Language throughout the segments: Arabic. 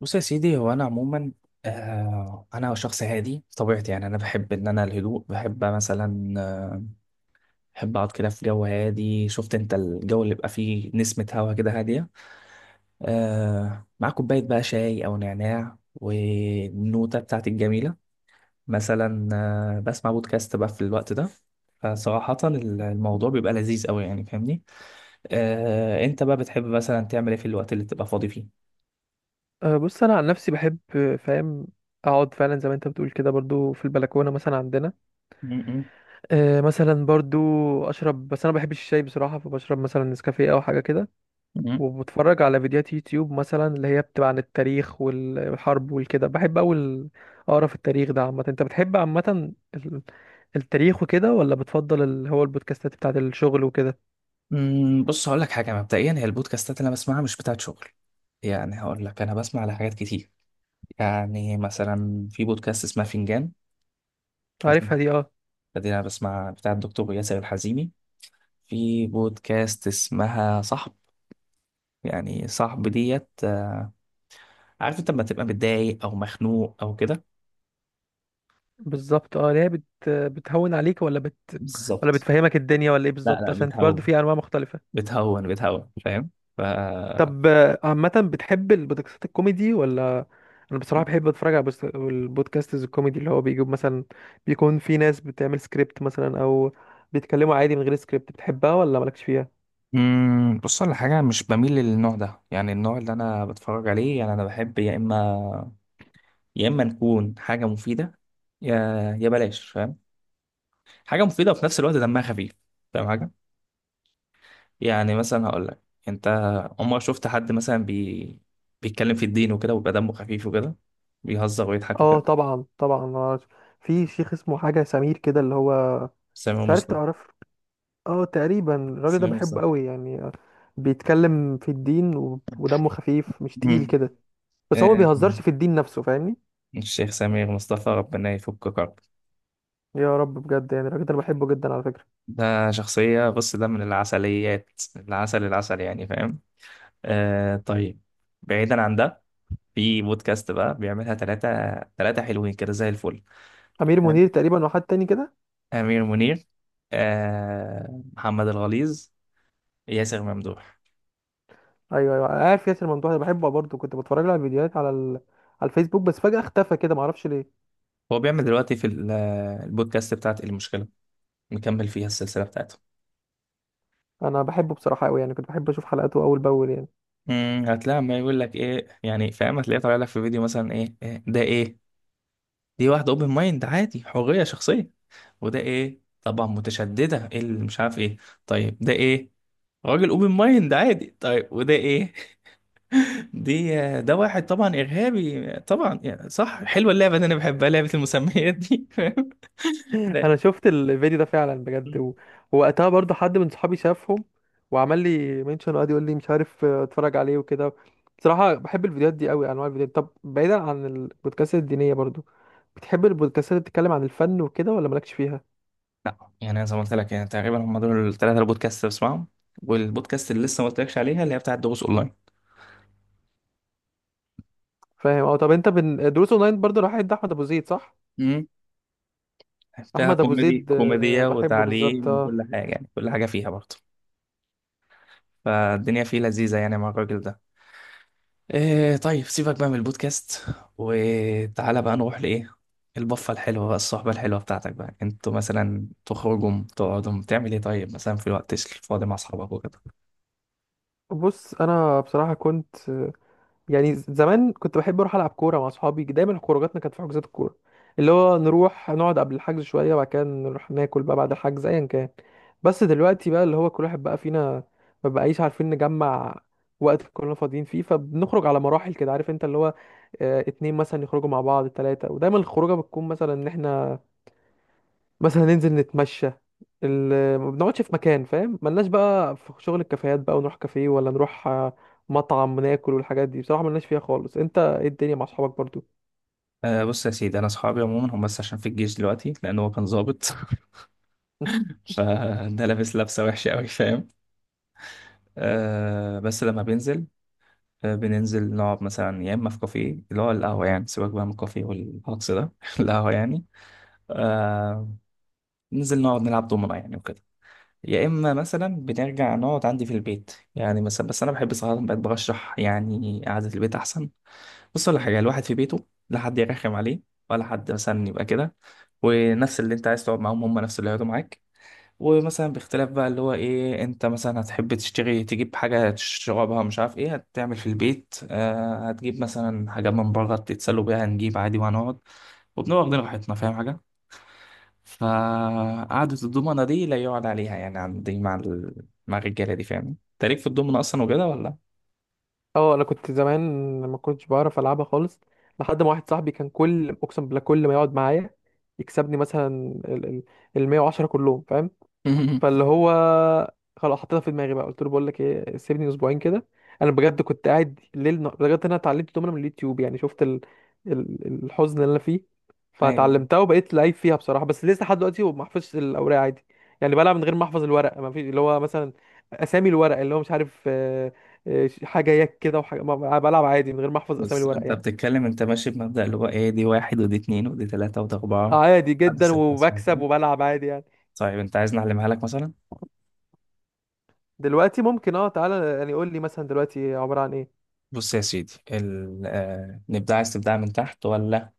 بص يا سيدي هو انا عموما. انا شخص هادي طبيعتي، يعني انا بحب ان انا الهدوء، بحب مثلا، بحب اقعد كده في جو هادي. شفت انت الجو اللي بيبقى فيه نسمة هوا كده هادية، مع كوباية بقى شاي او نعناع والنوتة بتاعتي الجميلة مثلا، بسمع بودكاست بقى في الوقت ده. فصراحة الموضوع بيبقى لذيذ قوي، يعني فاهمني. انت بقى بتحب مثلا تعمل ايه في الوقت اللي تبقى فاضي فيه؟ بص انا عن نفسي بحب أه، فاهم اقعد فعلا زي ما انت بتقول كده برضو في البلكونه مثلا عندنا. م- م- أه مثلا برضو اشرب، بس انا ما بحبش الشاي بصراحه، فبشرب مثلا نسكافيه او حاجه كده، م- وبتفرج على فيديوهات يوتيوب مثلا اللي هي بتبقى عن التاريخ والحرب والكده. بحب اول اقرا في التاريخ ده عامه. انت بتحب عامه ال- التاريخ وكده ولا بتفضل اللي هو البودكاستات بتاعت الشغل وكده؟ بص هقول لك حاجه. مبدئيا هي البودكاستات اللي انا بسمعها مش بتاعت شغل، يعني هقول لك انا بسمع على حاجات كتير. يعني مثلا في بودكاست اسمها فنجان. مش- عارفها دي، اه. ده دي انا بسمع بتاع الدكتور ياسر الحزيمي. في بودكاست اسمها صاحب، يعني صاحب ديت، عارف انت لما تبقى متضايق او مخنوق او كده. بالظبط اه، اللي هي بتهون عليك ولا بالظبط. بتفهمك الدنيا، ولا ايه لا بالظبط؟ لا، عشان برضو بتهون في انواع مختلفه. بتهون بتهون فاهم. ف طب آه، عامة بتحب البودكاستات الكوميدي ولا؟ انا بصراحة بحب اتفرج على البودكاستز الكوميدي، اللي هو بيجيب مثلا، بيكون في ناس بتعمل سكريبت مثلا او بيتكلموا عادي من غير سكريبت. بتحبها ولا مالكش فيها؟ بص على حاجه، مش بميل للنوع ده. يعني النوع اللي انا بتفرج عليه، يعني انا بحب يا اما، يا اما نكون حاجه مفيده، يا يا بلاش فاهم، حاجه مفيده وفي نفس الوقت دمها خفيف. فاهم حاجه، يعني مثلا هقول لك، انت عمرك شفت حد مثلا بيتكلم في الدين وكده ويبقى دمه خفيف وكده، بيهزر ويضحك اه وكده؟ طبعا طبعا آه، في شيخ اسمه حاجة سمير كده اللي هو سمير مش عارف مصطفى. تعرف. اه، تقريبا الراجل ده سمير بحبه مصطفى. قوي يعني آه، بيتكلم في الدين ودمه خفيف مش تقيل مم. كده، بس هو ما آه، بيهزرش في الدين نفسه، فاهمني؟ الشيخ سمير مصطفى ربنا يفك كرب. يا رب بجد، يعني الراجل ده انا بحبه جدا على فكرة. ده شخصية، بص ده من العسليات، العسل العسل يعني فاهم. طيب، بعيدا عن ده، في بودكاست بقى بيعملها ثلاثة، ثلاثة حلوين كده زي الفل. امير تمام. منير تقريبا وحد تاني كده. أمير منير، محمد الغليظ، ياسر ممدوح. ايوه ايوه، أنا عارف ياسر ممدوح ده، بحبه برضه. كنت بتفرج له على الفيديوهات على على الفيسبوك، بس فجأة اختفى كده، معرفش ليه. هو بيعمل دلوقتي في البودكاست بتاعت المشكلة، مكمل فيها السلسلة بتاعته. انا بحبه بصراحة قوي يعني، كنت بحب اشوف حلقاته اول باول يعني. امم، هتلاقي ما يقول لك ايه، يعني فاهم، هتلاقيه طالع لك في فيديو مثلا ايه، إيه ده ايه، دي واحدة اوبن مايند عادي حرية شخصية، وده ايه طبعا متشددة ايه اللي مش عارف ايه، طيب ده ايه، راجل اوبن مايند عادي، طيب وده ايه دي، ده واحد طبعا ارهابي طبعا. يعني صح، حلوه اللعبه دي، انا بحبها لعبه المسميات دي فاهم. انا شفت الفيديو ده فعلا بجد مم. ووقتها برضه حد من صحابي شافهم، وعمل لي منشن وقعد يقول لي مش عارف، آه، اتفرج عليه وكده. بصراحة بحب الفيديوهات دي قوي، انواع الفيديوهات طب بعيدا عن البودكاست الدينية، برضه بتحب البودكاستات اللي بتتكلم عن الفن وكده ولا مالكش فيها؟ لا، يعني أنا زي ما قلت لك، يعني تقريبا هم دول الثلاثه البودكاست اللي بسمعهم. والبودكاست اللي لسه ما قلتلكش عليها اللي هي بتاعت دروس اونلاين. فاهم. اه طب انت بن... دروس اونلاين برضه، راح عند احمد ابو زيد صح؟ امم. فيها احمد ابو كوميدي، زيد آه، كوميديا بحبه بالظبط وتعليم آه. وكل حاجه، يعني كل حاجه فيها برضه. فالدنيا فيه لذيذه يعني مع الراجل ده. إيه طيب، سيبك بقى من البودكاست، وتعالى بقى نروح لايه، البفه الحلوه بقى، الصحبه الحلوه بتاعتك بقى. انتوا مثلا تخرجوا تقعدوا تعمل ايه طيب مثلا في الوقت الفاضي مع اصحابك وكده؟ بص، انا بصراحه كنت آه، يعني زمان كنت بحب اروح العب كوره مع اصحابي، دايما خروجاتنا كانت في حجوزات الكوره، اللي هو نروح نقعد قبل الحجز شويه وبعد كده نروح ناكل بقى بعد الحجز ايا كان. بس دلوقتي بقى اللي هو كل واحد بقى فينا ما بقايش عارفين نجمع وقت كلنا فاضيين فيه، فبنخرج على مراحل كده، عارف انت، اللي هو آه، اتنين مثلا يخرجوا مع بعض، تلاتة. ودايما الخروجه بتكون مثلا ان احنا مثلا ننزل نتمشى، ما بنقعدش في مكان، فاهم، ملناش بقى في شغل الكافيهات بقى ونروح كافيه، ولا نروح آه، مطعم ناكل والحاجات دي، بصراحة ملناش فيها خالص. انت ايه الدنيا مع اصحابك برضو؟ بص يا سيدي، انا اصحابي عموما هم بس عشان في الجيش دلوقتي، لان هو كان ظابط. فده لابس لبسة وحشة أوي فاهم. بس لما بينزل، بننزل نقعد مثلا يا إما في كافيه اللي هو القهوة يعني. سيبك بقى من الكافيه والهجص ده القهوة يعني. آه ننزل نقعد نلعب دومنة يعني وكده، يا إما مثلا بنرجع نقعد عندي في البيت يعني مثلا. بس أنا بحب صراحة، بقيت برشح يعني قعدة البيت أحسن. بص ولا حاجة، الواحد في بيته لا حد يرخم عليه ولا حد مثلا يبقى كده، ونفس اللي أنت عايز تقعد معاهم هم نفس اللي هيقعدوا معاك. ومثلا باختلاف بقى اللي هو ايه، انت مثلا هتحب تشتري تجيب حاجة تشربها، مش عارف ايه هتعمل في البيت، هتجيب مثلا حاجات من بره تتسلوا بيها، هنجيب عادي وهنقعد وبنبقى واخدين راحتنا فاهم حاجة. فقعدة الضمنة دي لا يقعد عليها يعني عندي مع مع الرجالة دي فاهم. انت ليك في الضمنة اصلا وكده ولا؟ اه انا كنت زمان ما كنتش بعرف العبها خالص، لحد ما واحد صاحبي كان كل، اقسم بالله، كل ما يقعد معايا يكسبني مثلا ال ال 110 كلهم، فاهم؟ فاللي هو خلاص حطيتها في دماغي بقى، قلت له بقول لك ايه، سيبني اسبوعين كده. انا بجد كنت قاعد ليل نهار بجد، انا اتعلمت دومنا من اليوتيوب، يعني شفت الحزن اللي انا فيه. ايوه. فتعلمتها وبقيت لعيب فيها بصراحه، بس لسه لحد دلوقتي ما بحفظش الاوراق عادي. يعني بلعب من غير ما احفظ الورق، ما فيش اللي هو مثلا اسامي الورق، اللي هو مش عارف آه، آه، حاجه يك كده وحاجه بلعب عادي من غير ما احفظ اسامي بص الورق انت يعني. بتتكلم انت ماشي بمبدأ اللي هو ايه، دي واحد ودي اتنين ودي تلاتة ودي آه، أربعة، عادي عدد جدا، ستة اسمها وبكسب كده. وبلعب عادي يعني. طيب انت عايز نعلمها لك مثلا؟ دلوقتي ممكن اه، تعالى يعني قول لي مثلا دلوقتي عباره عن ايه. بص يا سيدي نبدأ، عايز تبدأ من تحت ولا،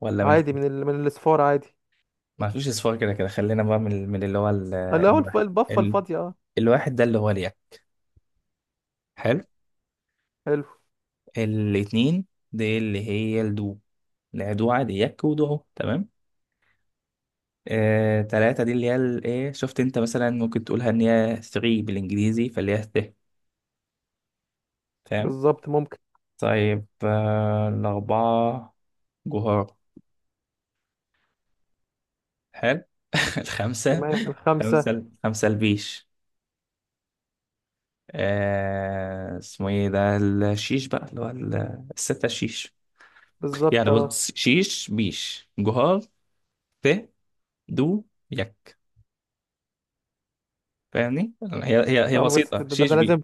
ولا من عادي فوق؟ من من الصفار عادي. ما فيش اصفار، كده كده خلينا بقى من اللي هو ال... آه، اللي هو الواحد. البفة ال... الفاضية، اه. الواحد ده اللي هو اليك. حلو. حلو. الاتنين دي اللي هي الدو، الدوعة دي يك ودعو تمام. تلاتة دي اللي هي ايه، شفت انت مثلا ممكن تقولها ان هي 3 بالانجليزي فاللي هي ت، فاهم. بالظبط، ممكن. طيب الأربعة، جهار. حلو الخمسة. تمام الخمسة. خمسة البيش. آه اسمه ايه ده، الشيش بقى اللي هو الستة الشيش. بالظبط يعني اه. بص، شيش، بيش، جهار، ت، دو، يك، فاهمني يعني. هي اه بس ده, بسيطة، ده, شيش ده بي. لازم،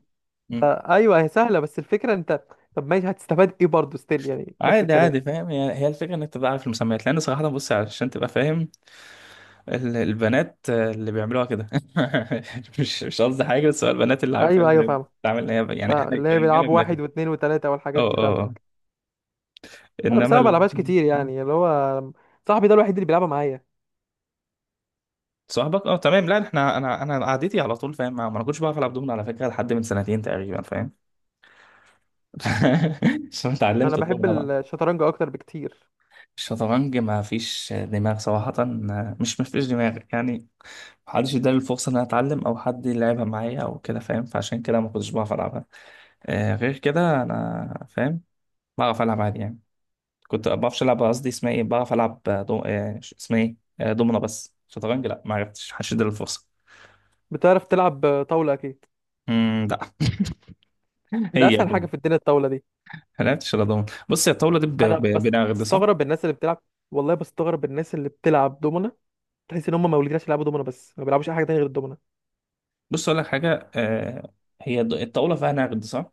ده. مم. ايوه، هي سهلة بس الفكرة انت، طب ماشي هتستفاد ايه برضه؟ ستيل يعني نفس عادي الكلام. عادي فاهم، هي الفكرة انك تبقى عارف المسميات، لان صراحة بص عشان تبقى فاهم، البنات اللي بيعملوها كده مش قصدي حاجة، بس هو البنات اللي عارفة ايوه ايوه اللي فاهم. بتعمل هي، يعني فاهم احنا اللي هي كرجالة بيلعبوا بنعمل واحد كده. واثنين وثلاثة والحاجات دي، اه فاهم. اه آه. انا بس انما انا ما بلعبهاش كتير يعني، اللي هو صاحبي ده الوحيد اللي بيلعبها معايا. صاحبك اه تمام. لا احنا، انا قعدتي على طول فاهم، ما ما انا كنتش بعرف العب دومنه على فكره لحد من سنتين تقريبا فاهم عشان انا اتعلمت بحب الدومنه بقى. الشطرنج اكتر بكتير. الشطرنج ما فيش دماغ صراحه، مش ما فيش دماغ يعني، محدش اداني الفرصه ان انا اتعلم او حد يلعبها معايا او كده فاهم، فعشان كده ما كنتش بعرف العبها. آه غير كده انا فاهم، بعرف العب عادي يعني. كنت بعرفش العب قصدي، اسمها ايه، بعرف العب دو... آه، اسمها ايه، دومنه. بس شطرنج لا ما عرفتش، محدش اداني الفرصه. بتعرف تلعب طاولة اكيد؟ لا. ده هي اسهل حاجة في الدنيا الطاولة دي. حلقتش رضوان، بص يا، الطاوله دي انا بنغد صح. بستغرب الناس اللي بتلعب، والله بستغرب الناس اللي بتلعب دومنا، تحس ان هم مولودين عشان يلعبوا دومنا، بس ما بيلعبوش اي حاجه تانية غير الدومنا. بص اقول لك حاجه هي الطاوله فيها نغد صح،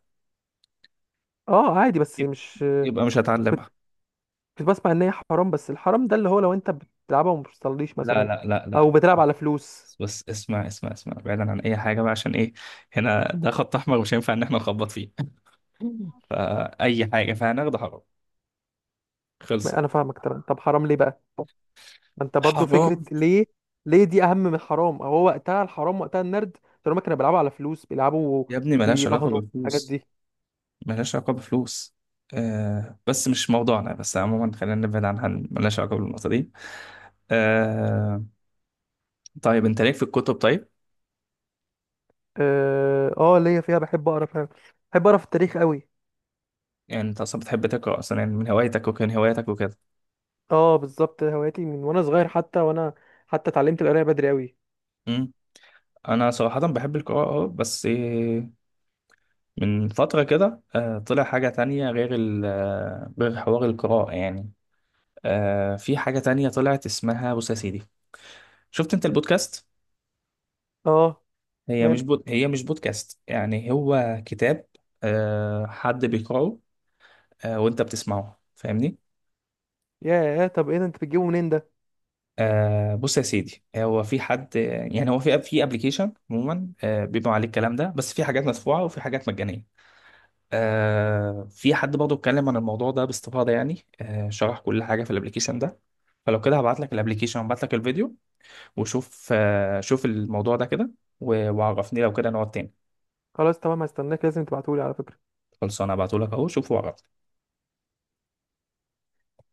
اه عادي بس يب- مش، يبقى مش كنت هتعلمها. كنت بسمع ان هي حرام، بس الحرام ده اللي هو لو انت بتلعبها وما بتصليش لا مثلا، لا لا او لا. بتلعب على فلوس. بس اسمع اسمع اسمع، بعيدا عن اي حاجه بقى، عشان ايه، هنا ده خط احمر مش هينفع ان احنا نخبط فيه فاي حاجه فيها نغد حرام، ما خلصت. انا فاهمك طبعا، طب حرام ليه بقى؟ ما انت برضو فكره حرام. ليه؟ ليه دي اهم من الحرام، او هو وقتها الحرام وقتها النرد، طالما كانوا بيلعبوا على فلوس، بيلعبوا يا ابني ملهاش علاقه بيراهنوا الحاجات بالفلوس، دي. ملهاش علاقه بفلوس. بس مش موضوعنا، بس عموما خلينا نبعد عنها، ملهاش علاقه بالنقطه دي. آه طيب، انت ليك في الكتب طيب؟ اه آه، ليا فيها، بحب اقرا فعلا، بحب اقرا في التاريخ قوي. يعني انت اصلا بتحب تقرا اصلا، يعني من هوايتك وكان هواياتك وكده؟ اه بالظبط، هواياتي من وانا صغير، حتى وانا حتى اتعلمت القرايه بدري قوي. امم. انا صراحه بحب القراءه، اه بس إيه، من فتره كده طلع حاجه تانية غير ال آه، غير حوار القراءه يعني. في حاجه تانية طلعت اسمها، بص يا سيدي، شفت انت البودكاست؟ اه، هي مش ماله؟ بود... هي مش بودكاست، يعني هو كتاب، حد بيقراه، وانت بتسمعه فاهمني. ياه، طب ايه ده، انت بتجيبه منين ده؟ بص يا سيدي، هو في حد، يعني هو في ابلكيشن عموما بيبقى عليه الكلام ده، بس في حاجات مدفوعه وفي حاجات مجانيه. في حد برضه اتكلم عن الموضوع ده باستفاضه، يعني شرح كل حاجه في الابلكيشن ده. فلو كده هبعت لك الابلكيشن وابعت لك الفيديو، وشوف شوف الموضوع ده كده، وعرفني لو كده نقعد تاني. خلاص تمام، هستناك، لازم تبعتهولي على فكره. خلصانه، هبعته لك اهو، شوفه وعرفني.